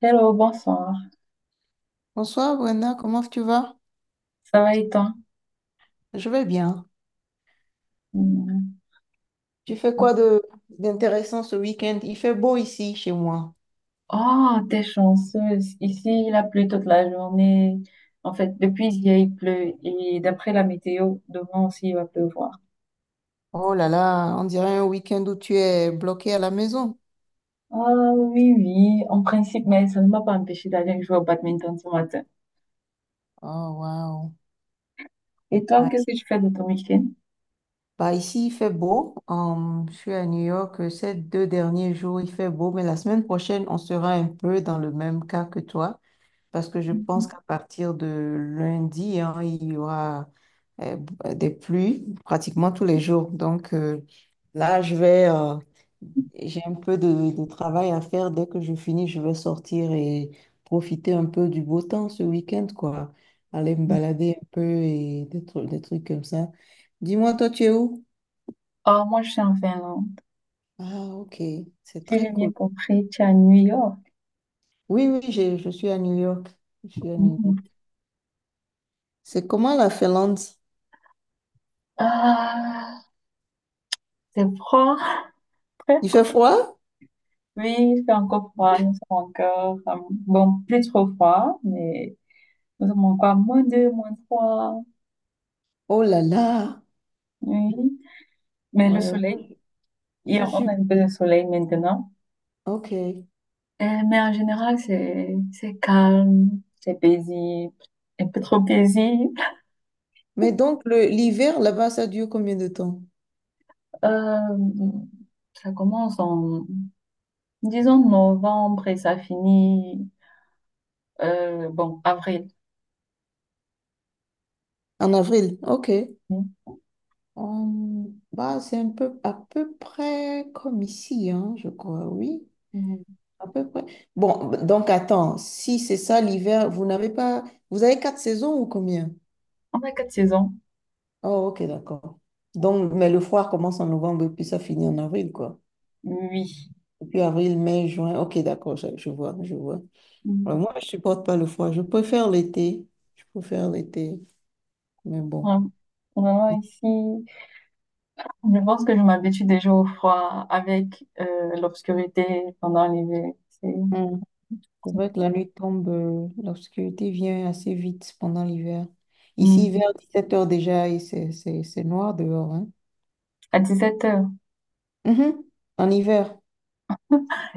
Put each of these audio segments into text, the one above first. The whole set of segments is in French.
Hello, bonsoir. Bonsoir Brenda, comment tu vas? Ça va et toi? Je vais bien. Mm. Tu fais quoi de d'intéressant ce week-end? Il fait beau ici chez moi. Oh, t'es chanceuse. Ici, il a plu toute la journée. En fait, depuis hier, il pleut. Et d'après la météo, demain aussi, il va pleuvoir. Oh là là, on dirait un week-end où tu es bloqué à la maison. Ah oui, oui, en principe, mais ça ne m'a pas empêché d'aller jouer au badminton ce matin. Oh wow. Et toi, Ah, qu'est-ce ici- que tu fais de ton week-end? Bah ici il fait beau. Je suis à New York ces deux derniers jours il fait beau, mais la semaine prochaine on sera un peu dans le même cas que toi. Parce que je pense qu'à partir de lundi, hein, il y aura des pluies pratiquement tous les jours. Donc là, j'ai un peu de travail à faire. Dès que je finis, je vais sortir et profiter un peu du beau temps ce week-end, quoi. Aller me balader un peu et des trucs comme ça. Dis-moi, toi, tu es où? Oh, moi, je suis en Finlande. Ah, ok, c'est Si très j'ai bien cool. compris, tu es à New York. Oui, oui, je suis à New York. Je suis à New Mm. York. C'est comment la Finlande? Ah, c'est froid. Il fait froid? Oui, il fait encore froid, nous sommes encore, bon, plus trop froid, mais nous sommes encore moins 2, moins trois. Oh là là. Oui. Mais le Ouais, moi, soleil, je hier, on suis... a un peu de soleil maintenant. OK. Mais en général, c'est calme, c'est paisible, un peu trop paisible. Mais donc, l'hiver, là-bas, ça dure combien de temps? Euh, ça commence en, disons, novembre et ça finit, bon, avril. En avril. OK. Bah, c'est un peu, à peu près comme ici, hein, je crois, oui. Mm. À peu près. Bon, donc, attends. Si c'est ça, l'hiver, vous n'avez pas. Vous avez quatre saisons ou combien? On a quatre saisons, Oh, OK, d'accord. Donc, mais le froid commence en novembre et puis ça finit en avril, quoi. oui. Et puis avril, mai, juin. OK, d'accord, je vois, je vois. Alors, Mm. moi, je supporte pas le froid. Je préfère l'été. Je préfère l'été. Mais bon. Ouais. Vraiment ici. Je pense que je m'habitue déjà au froid avec l'obscurité pendant l'hiver. Hum, C'est vrai que la nuit tombe, l'obscurité vient assez vite pendant l'hiver. Ici, Mm. vers 17 heures déjà, et c'est noir dehors, hein. À 17 heures. Mhm. En hiver.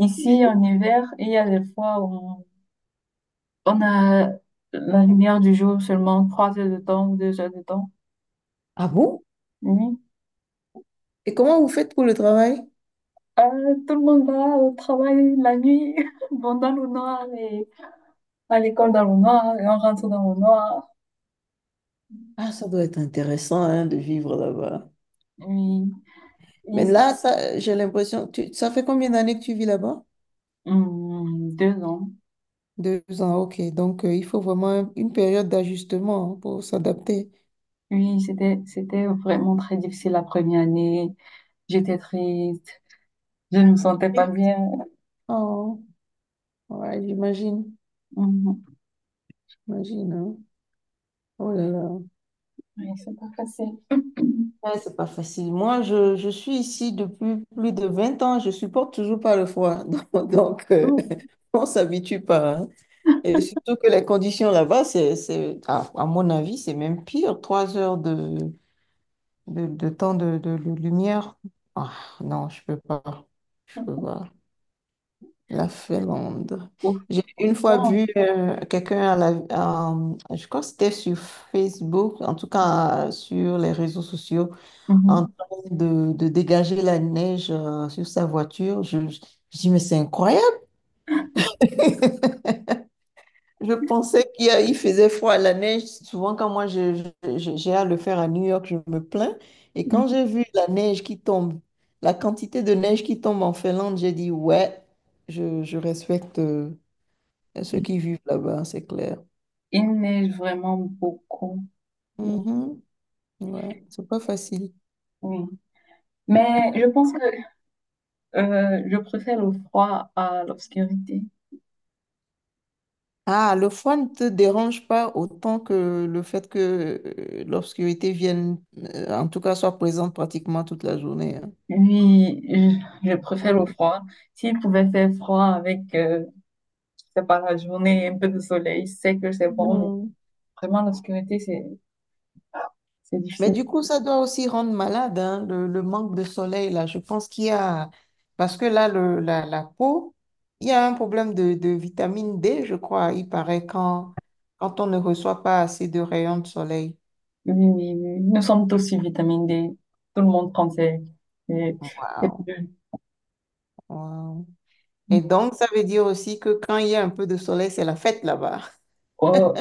Ici, en hiver, il y a des fois où on a la lumière du jour seulement 3 heures de temps, 2 heures de temps. Ah bon? Oui. Et comment vous faites pour le travail? Tout le monde va au travail la nuit, bon, dans le noir, et à l'école dans le noir, et on rentre dans le noir. Ah, ça doit être intéressant, hein, de vivre là-bas. Oui, Mais oui. là, ça, j'ai l'impression, ça fait combien d'années que tu vis là-bas? Mm, 2 ans. 2 ans, ok. Donc, il faut vraiment une période d'ajustement, hein, pour s'adapter. Oui, c'était vraiment très difficile la première année. J'étais triste, je ne me sentais pas Oui. bien. Oh. Ouais, j'imagine. Mhm. J'imagine, hein. Oh là là. Oui, c'est pas facile. Ouais, c'est pas facile. Moi, je suis ici depuis plus de 20 ans. Je supporte toujours pas le froid. Donc, Oh, on s'habitue pas, hein. Et surtout que les conditions là-bas, c'est, à mon avis, c'est même pire. 3 heures de temps de lumière. Ah, non, je peux pas. Je peux pas. La Finlande. au J'ai une fois fond, vu quelqu'un je crois que c'était sur Facebook, en tout cas sur les réseaux sociaux, en mhm, train de dégager la neige sur sa voiture. Je dis, mais c'est incroyable. Je pensais il faisait froid à la neige. Souvent, quand moi j'ai à le faire à New York, je me plains. Et quand j'ai mhm. vu la neige qui tombe, la quantité de neige qui tombe en Finlande, j'ai dit, ouais, je respecte, à ceux qui vivent là-bas, c'est clair. Il neige vraiment beaucoup. Mhm. Ouais, c'est pas facile. Oui. Mais je pense que je préfère le froid à l'obscurité. Ah, le froid ne te dérange pas autant que le fait que l'obscurité vienne, en tout cas, soit présente pratiquement toute la journée, hein. Oui, je préfère le froid. S'il pouvait faire froid avec, je sais pas, la journée, un peu de soleil, c'est que c'est bon, mais Mhm. vraiment l'obscurité, c'est Mais difficile. du coup, ça doit aussi rendre malade, hein, le manque de soleil, là. Je pense qu'il y a. Parce que là, la peau, il y a un problème de vitamine D, je crois. Il paraît quand on ne reçoit pas assez de rayons de soleil. Oui, oui, oui. Oui. Nous sommes tous sur vitamine D. Tout le monde prend ses. Waouh, waouh. Et donc, ça veut dire aussi que quand il y a un peu de soleil, c'est la fête là-bas. Oh,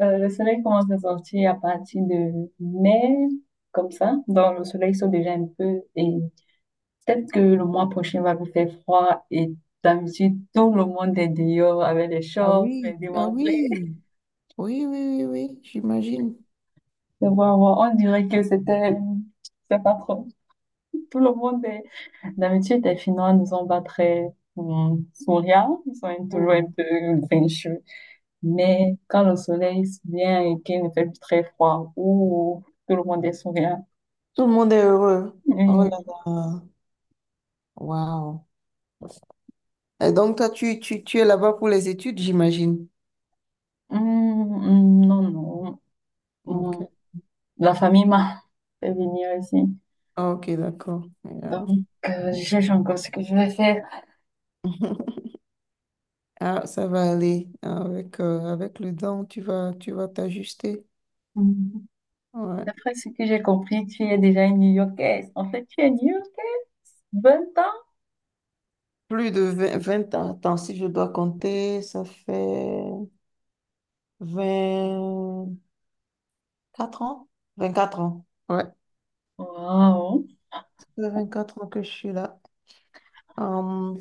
le soleil commence à sortir à partir de mai, comme ça. Donc, le soleil sort déjà un peu. Et peut-être que le mois prochain va vous faire froid. Et d'habitude, tout le monde est dehors avec les Ah shorts, oui, les ah démantelés. oui, oui, oui, oui, oui, j'imagine. Et voilà, voilà. On dirait que c'était... C'est pas trop. Tout le monde est... D'habitude, les Finnois ne sont pas très souriants. Ils sont toujours un Mhm. peu grincheux. Mais quand le soleil vient et qu'il ne fait plus très froid, ou tout le monde est souriant. Tout le monde est heureux. Oh là Et, là. Waouh. Et donc, toi, tu es là-bas pour les études, j'imagine. Non, non. Ok. hum, La famille m'a fait venir ici. Ah, ok, d'accord. Donc, Yeah. Je cherche encore ce que je vais faire. Ah, ça va aller. Avec le temps, tu vas t'ajuster. Hum, Ouais. D'après ce que j'ai compris, tu es déjà une New-Yorkaise. En fait, tu es New-Yorkaise. 20 ans? Plus de vingt ans. Attends, si je dois compter, ça fait 24 ans? 24 ans. Ouais, ça Waouh. fait 24 ans que je suis là. Euh,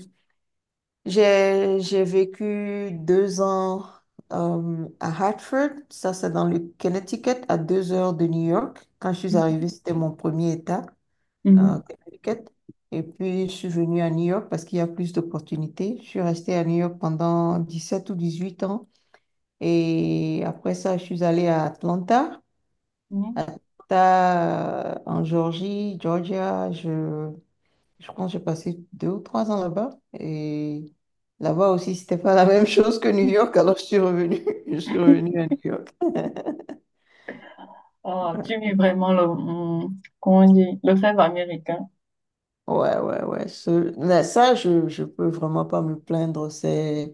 j'ai vécu 2 ans à Hartford, ça c'est dans le Connecticut, à 2 heures de New York. Quand je suis Hum, arrivée, c'était mon premier état, hum, Connecticut. Et puis, je suis venue à New York parce qu'il y a plus d'opportunités. Je suis restée à New York pendant 17 ou 18 ans. Et après ça, je suis allée à Atlanta. hum. Atlanta, en Georgie, Georgia, je pense que j'ai passé 2 ou 3 ans là-bas. Et là-bas aussi, c'était pas la même chose que New York. Alors, je suis revenue. Je suis revenue à New York. Oh, tu vis vraiment le, comment on dit, le rêve américain. Ouais, ouais, ouais. Mais ça, je peux vraiment pas me plaindre. C'est.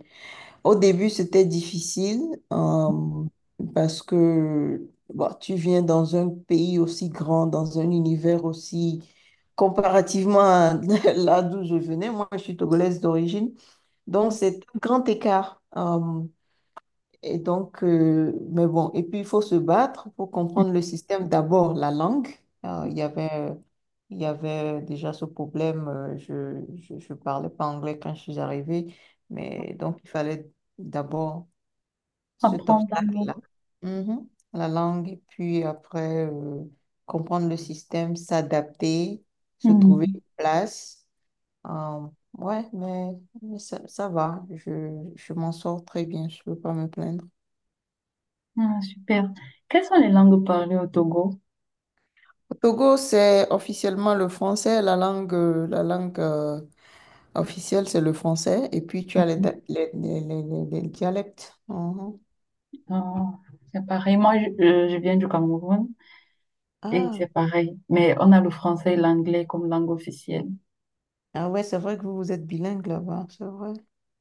Au début, c'était difficile euh, parce que bon, tu viens dans un pays aussi grand, dans un univers aussi. Comparativement à là d'où je venais, moi, je suis togolaise d'origine. Donc, Hum, c'est un grand écart. Et donc, mais bon, et puis il faut se battre pour comprendre le hum. système. D'abord, la langue. Euh, il y avait, il y avait déjà ce problème. Je parlais pas anglais quand je suis arrivée, mais donc il fallait d'abord cet Apprendre un obstacle-là. Mhm. La langue, et puis après, comprendre le système, s'adapter, se trouver une mot. place. Euh, ouais, mais ça, ça va. Je m'en sors très bien. Je peux pas me plaindre. Ah, super. Quelles sont les langues parlées au Togo? Au Togo, c'est officiellement le français, la langue officielle, c'est le français, et puis tu as les, da- les dialectes. Mhm. Ah, c'est pareil. Moi, je viens du Cameroun et Ah. c'est pareil. Mais on a le français et l'anglais comme langue officielle. Ah ouais, c'est vrai que vous, vous êtes bilingue là-bas, c'est vrai.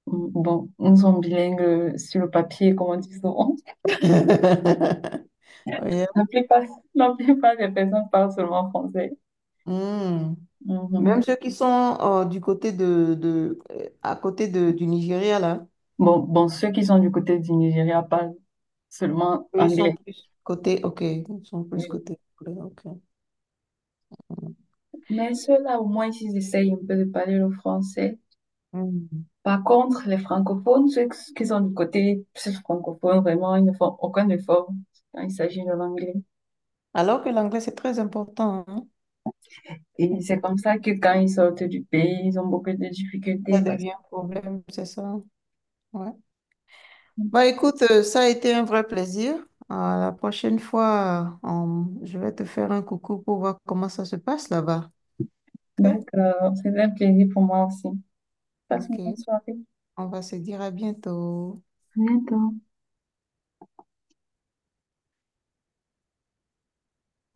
Mm, bon, nous sommes bilingues sur le papier, comme on dit souvent. Ouais. La plupart, la plupart des personnes parlent seulement français. Hmm. Même Mhm. ceux qui sont du côté de, à côté de, du Nigeria, là, Bon, bon, ceux qui sont du côté du Nigeria parlent seulement eux, ils sont anglais. plus côté, ok, ils sont plus Oui. côté, anglais, ok. Mais ceux-là, au moins, ils essayent un peu de parler le français. Hmm. Hmm. Par contre, les francophones, ceux qui sont du côté francophone, vraiment, ils ne font aucun effort quand il s'agit de l'anglais. Alors que l'anglais, c'est très important, Et c'est hein. comme ça que quand ils sortent du pays, ils ont beaucoup de Ça difficultés. Devient un problème, c'est ça. Ouais. Bah écoute, ça a été un vrai plaisir. À la prochaine fois, je vais te faire un coucou pour voir comment ça se passe là-bas. Ok? D'accord, c'est un plaisir pour moi aussi. Passe une Ok. bonne soirée. On va se dire à bientôt. À bientôt.